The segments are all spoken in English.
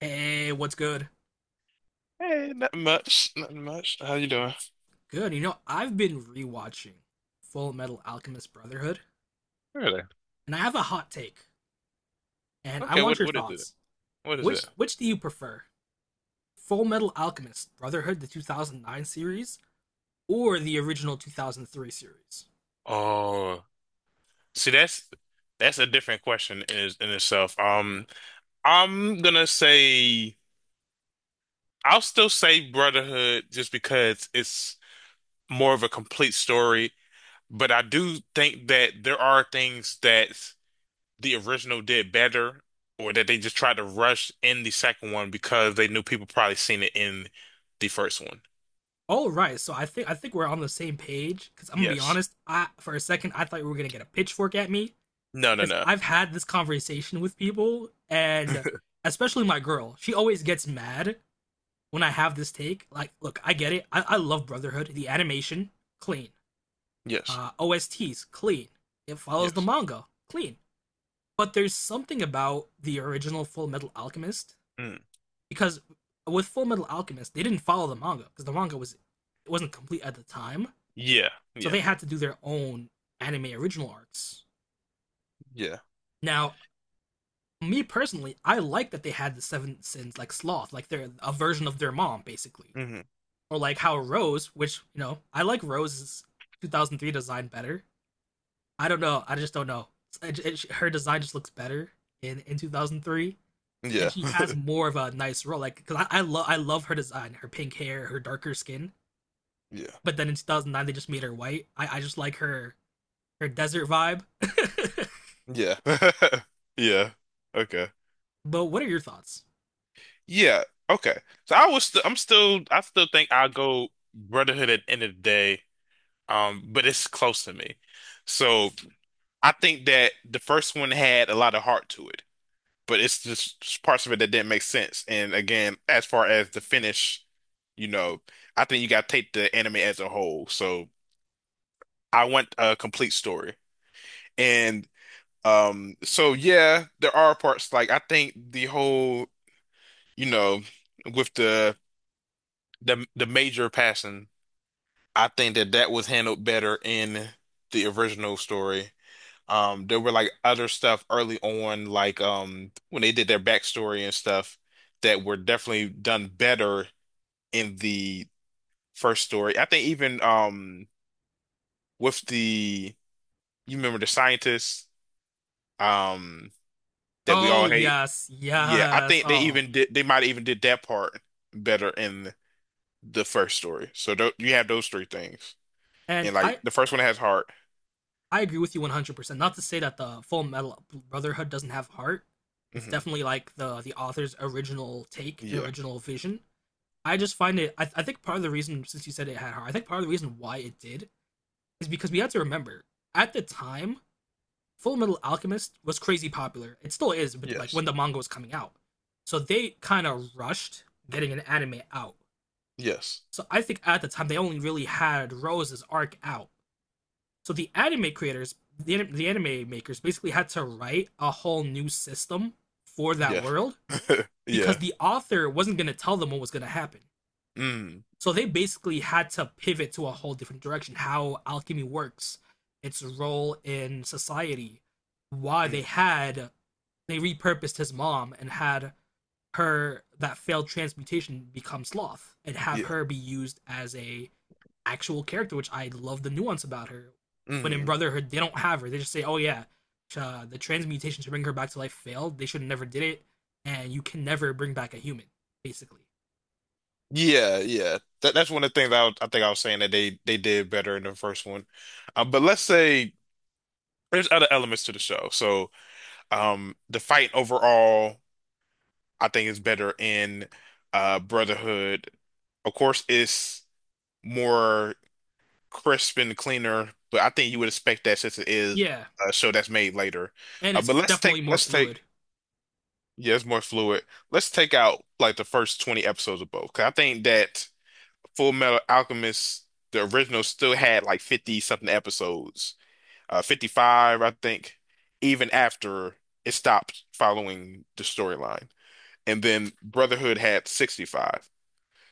Hey, what's good? Hey, nothing much. Nothing much. How you doing? Good. You know, I've been rewatching Full Metal Alchemist Brotherhood, Really? and I have a hot take, and I Okay, want what your what is it? thoughts. What is it? Which do you prefer? Full Metal Alchemist Brotherhood, the 2009 series, or the original 2003 series? Oh, see, that's a different question in itself. I'm gonna say I'll still say Brotherhood just because it's more of a complete story, but I do think that there are things that the original did better or that they just tried to rush in the second one because they knew people probably seen it in the first one. All right, so I think we're on the same page because I'm gonna be Yes. honest. I for a second I thought you were gonna get a pitchfork at me No, no, because no. I've had this conversation with people, and especially my girl. She always gets mad when I have this take, like, look, I get it. I love Brotherhood. The animation, clean. Yes. OSTs, clean. It follows the Yes. manga, clean. But there's something about the original Full Metal Alchemist Mm. because with Full Metal Alchemist, they didn't follow the manga because the manga was it wasn't complete at the time, Yeah. so Yeah. they had to do their own anime original arcs. Yeah. Now, me personally, I like that they had the Seven Sins like Sloth, like they're a version of their mom, basically. Hmm. Or like how Rose, which you know I like Rose's 2003 design better. I don't know. I just don't know. Her design just looks better in 2003, Yeah. and she has more of a nice role. Like because I love her design, her pink hair, her darker skin. Yeah. But then in 2009 they just made her white. I just like her desert vibe. Yeah. Yeah. Okay. But what are your thoughts? Yeah. Okay. So I was st I'm still I still think I'll go Brotherhood at the end of the day. But it's close to me. So I think that the first one had a lot of heart to it, but it's just parts of it that didn't make sense. And again, as far as the finish, you know, I think you gotta take the anime as a whole. So I want a complete story. And So yeah, there are parts like I think the whole, you know, with the the major passing, I think that that was handled better in the original story. There were like other stuff early on, like when they did their backstory and stuff that were definitely done better in the first story. I think even with the you remember the scientists um that we Oh all hate. yes, Yeah, I yes. think Oh, man. They might even did that part better in the first story. So you have those three things. And And like the first one has heart. I agree with you 100%. Not to say that the Full Metal Brotherhood doesn't have heart. It's Hmm. definitely like the author's original take and Yeah. original vision. I just find it I think part of the reason since you said it had heart, I think part of the reason why it did is because we had to remember at the time Full Metal Alchemist was crazy popular. It still is, but like when Yes. the manga was coming out. So they kind of rushed getting an anime out. Yes. So I think at the time they only really had Rose's arc out. So the anime creators, the anime makers, basically had to write a whole new system for that Yeah. world because Yeah. the author wasn't going to tell them what was going to happen. Mm. So they basically had to pivot to a whole different direction how alchemy works, its role in society, why they Mm. had they repurposed his mom and had her that failed transmutation become sloth and have Yeah. her be used as a actual character, which I love the nuance about her. When in Mm. Brotherhood, they don't have her. They just say, "Oh yeah, the transmutation to bring her back to life failed. They should have never did it, and you can never bring back a human, basically." Yeah, yeah. That that's one of the things I think I was saying that they did better in the first one. But let's say there's other elements to the show. So the fight overall I think is better in Brotherhood. Of course, it's more crisp and cleaner, but I think you would expect that since it is Yeah, a show that's made later. and Uh, but it's let's take definitely more let's take fluid. yeah, it's more fluid. Let's take out like the first 20 episodes of both. 'Cause I think that Full Metal Alchemist, the original, still had like 50 something episodes, 55, I think, even after it stopped following the storyline. And then Brotherhood had 65.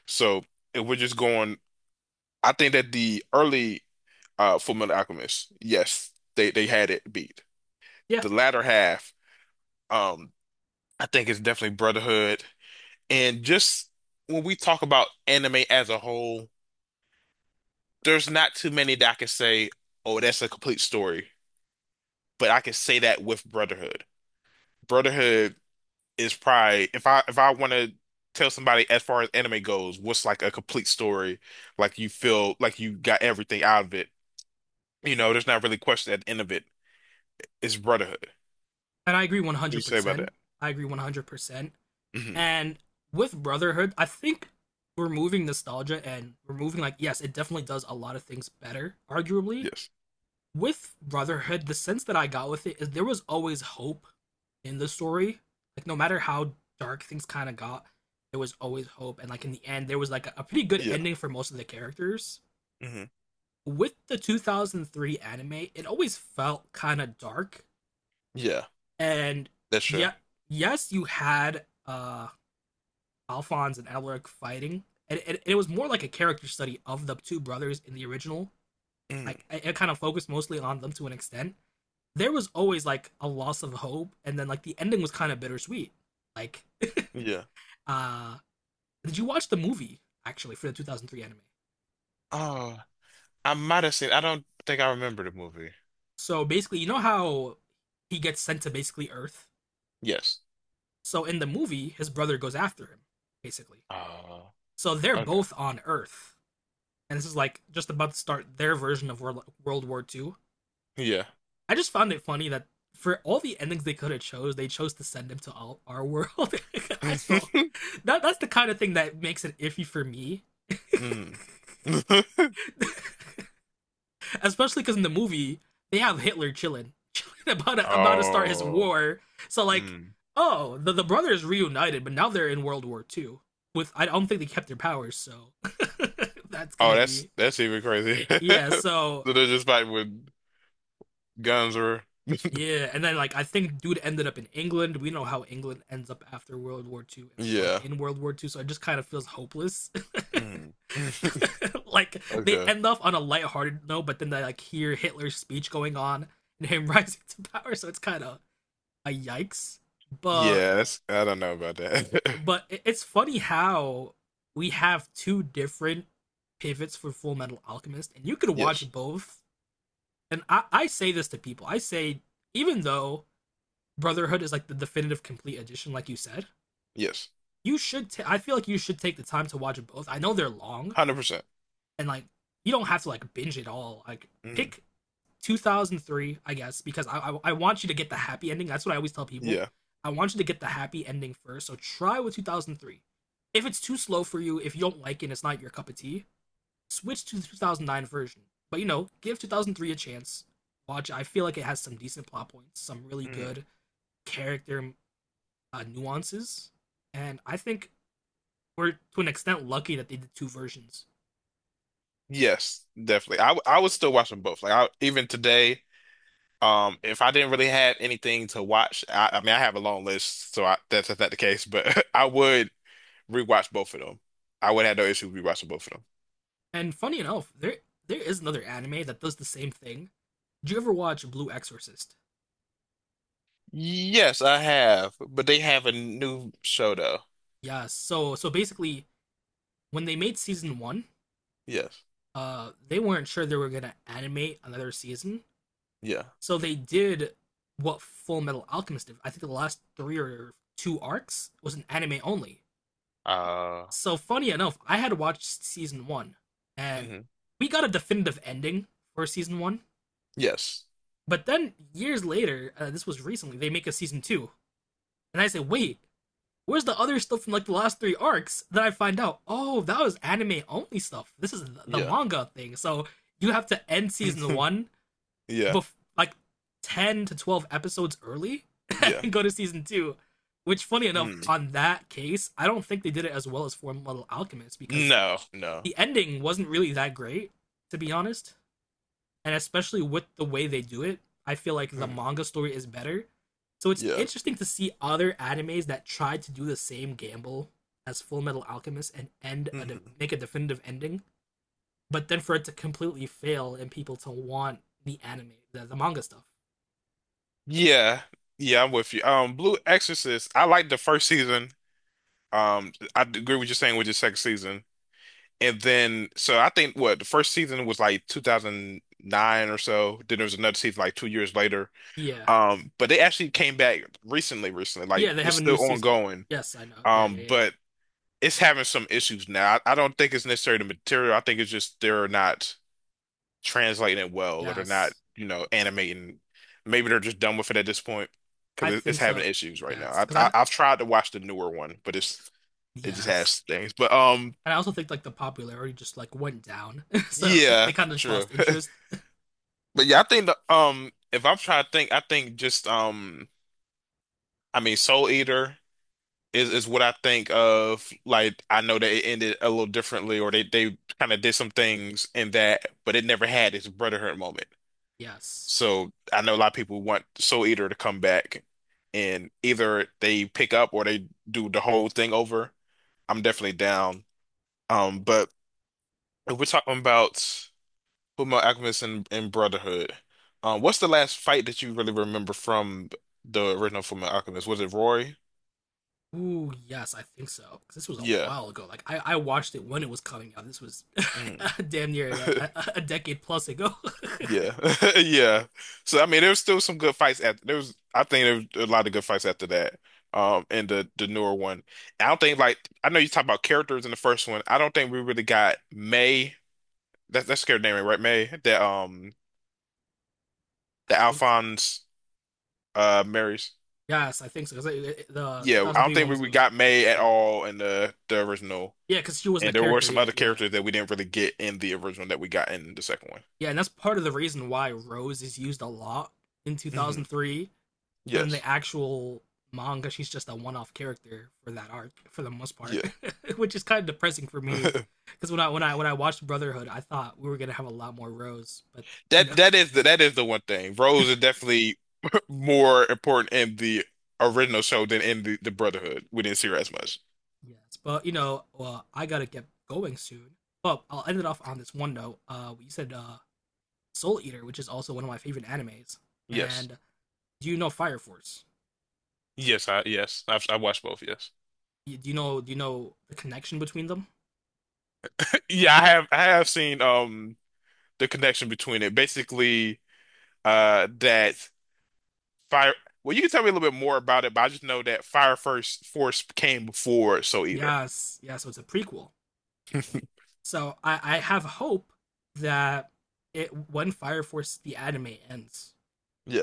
So if we're just going, I think that the early Full Metal Alchemist. Yes, they had it beat. Yeah, The latter half, um, I think it's definitely Brotherhood. And just when we talk about anime as a whole, there's not too many that I can say, oh, that's a complete story. But I can say that with Brotherhood. Brotherhood is probably if I want to tell somebody as far as anime goes, what's like a complete story, like you feel like you got everything out of it. You know, there's not really question at the end of it. It's Brotherhood. What and I agree do you say about 100%. that? I agree 100%. Hmm. And with Brotherhood, I think removing nostalgia and removing like yes, it definitely does a lot of things better, arguably. Yes. With Brotherhood, the sense that I got with it is there was always hope in the story. Like no matter how dark things kind of got, there was always hope. And like in the end, there was like a pretty good Yeah. ending for most of the characters. Hmm. With the 2003 anime, it always felt kind of dark. Yeah. And That's true. yeah, yes, you had Alphonse and Alaric fighting, and it was more like a character study of the two brothers in the original. Hmm. Like it kind of focused mostly on them to an extent there was always like a loss of hope, and then like the ending was kind of bittersweet. Like, Yeah. uh, did you watch the movie actually for the 2003 anime? Oh, I might have seen. I don't think I remember the movie. So basically, you know how he gets sent to basically Earth. Yes. So in the movie, his brother goes after him, basically. Oh. So they're Okay. both on Earth, and this is like just about to start their version of World War II. Yeah. I just found it funny that for all the endings they could have chose, they chose to send him to all, our world. I still that that's the kind of thing that makes it iffy for me Mm. especially because in the movie they have Hitler chilling, chilling about to start his Oh. war. So like, Mm. oh, the brothers reunited, but now they're in World War II. With I don't think they kept their powers, so that's Oh, gonna be that's even crazy. yeah. So So they're just fighting with guns or yeah, and then like I think dude ended up in England. We know how England ends up after World War II, like yeah. in World War II. So it just kind of feels hopeless. Mm. Like they Okay. end off on a lighthearted note, but then they like hear Hitler's speech going on and him rising to power. So it's kind of a yikes. But Yeah, that's I don't know about that. but it's funny how we have two different pivots for Full Metal Alchemist, and you could Yes. watch both. And I say this to people. I say even though Brotherhood is like the definitive complete edition, like you said, Yes. you should. Ta- I feel like you should take the time to watch both. I know they're long, 100%. and like you don't have to like binge it all. Like Mm. pick 2003, I guess, because I want you to get the happy ending. That's what I always tell people. Yeah. I want you to get the happy ending first. So try with 2003. If it's too slow for you, if you don't like it, and it's not your cup of tea. Switch to the 2009 version. But you know, give 2003 a chance. Watch. I feel like it has some decent plot points, some really good character nuances, and I think we're to an extent lucky that they did two versions. Yes, definitely. I would still watch them both. Like I, even today, if I didn't really have anything to watch, I mean, I have a long list, so I, that's not the case. But I would rewatch both of them. I would have no issue rewatching both of them. And funny enough, there is another anime that does the same thing. Did you ever watch Blue Exorcist? Yes, I have, but they have a new show though. Yeah. So so basically, when they made season one, Yes, they weren't sure they were gonna animate another season, yeah. so they did what Full Metal Alchemist did. I think the last three or two arcs was an anime only. Uh, So funny enough, I had watched season one, and mhm. we got a definitive ending for season one. Yes, But then years later, this was recently, they make a season two, and I say, wait, where's the other stuff from like the last three arcs? Then I find out, oh, that was anime only stuff. This is the yeah, manga thing. So you have to end season one, yeah, bef- like 10 to 12 episodes early, yeah. and go to season two. Which, funny enough, Mm. on that case, I don't think they did it as well as Full Metal Alchemist because No, no. the ending wasn't really that great, to be honest and especially with the way they do it, I feel like the Mm. manga story is better. So it's Yeah. interesting to see other animes that tried to do the same gamble as Full Metal Alchemist and end Mm-hmm. make a definitive ending, but then for it to completely fail and people to want the anime, the manga stuff. Yeah, yeah, I'm with you. Blue Exorcist, I liked the first season. I agree with you saying with the second season, and then so I think what the first season was like 2009 or so. Then there was another season like 2 years later. Yeah, But they actually came back recently, recently. Like yeah, they it's have a new still season. ongoing. Yes, I know. Yeah, yeah, yeah. But it's having some issues now. I don't think it's necessarily the material. I think it's just they're not translating it well or they're not, Yes, you know, animating. Maybe they're just done with it at this point I because it's think having so. issues right now. Yes, because I've tried to watch the newer one, but it just has yes, things. But and I also think like the popularity just like went down, so they yeah, kind of just true. lost interest. But yeah, I think the if I'm trying to think, I think just I mean, Soul Eater is what I think of. Like I know that it ended a little differently, or they kind of did some things in that, but it never had its Brotherhood moment. Yes. So I know a lot of people want Soul Eater to come back and either they pick up or they do the whole thing over. I'm definitely down. But if we're talking about Fullmetal Alchemist and Brotherhood, what's the last fight that you really remember from the original Fullmetal Alchemist? Was it Roy? Ooh, yes, I think so. 'Cause this was a Yeah. while ago. Like I watched it when it was coming out. This was Mm. damn near a decade plus ago. I Yeah, yeah. So I mean, there was still some good fights after. There was, I think, there was a lot of good fights after that. And the newer one, I don't think like I know you talk about characters in the first one. I don't think we really got May. That's her name, right? May that the think so. Alphonse marries. Yes, I think so. 'Cause the Yeah, I don't 2003 think one was we got May at yeah, all in the original. yeah, because she wasn't a And there were character some yet. other Yeah, characters that we didn't really get in the original that we got in the second one. yeah, and that's part of the reason why Rose is used a lot in Hmm. 2003. In the Yes. actual manga she's just a one-off character for that arc for the most part. Yeah. Which is kind of depressing for me because when I watched Brotherhood I thought we were gonna have a lot more Rose but you know. That that is the one thing. Rose is definitely more important in the original show than in the Brotherhood. We didn't see her as much. Yes, but you know, well, I gotta get going soon but I'll end it off on this one note. You said Soul Eater, which is also one of my favorite animes, Yes. and do you know Fire Force? Yes, I yes. I've I watched both, yes. Do you know the connection between them? Yeah, I have seen the connection between it. Basically, that Fire well you can tell me a little bit more about it, but I just know that Fire First Force came before Soul Eater. Yes, yeah, so it's a prequel. So I have hope that it when Fire Force the anime ends,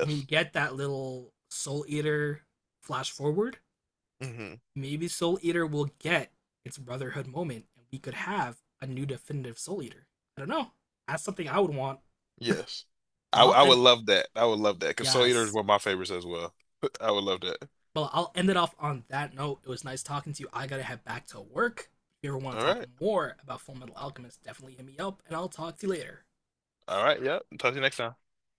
when you get that little Soul Eater flash forward, Hmm. maybe Soul Eater will get its brotherhood moment, and we could have a new definitive Soul Eater. I don't know. That's something I would want, Yes. but I'll I end. would love that. I would love that because Soul Eater is Yes, one of my favorites as well. I would love that. well, I'll end it off on that note. It was nice talking to you. I gotta head back to work. If you ever want to All talk right. more about Full Metal Alchemist, definitely hit me up, and I'll talk to you later. All right. Yeah. Talk to you next time.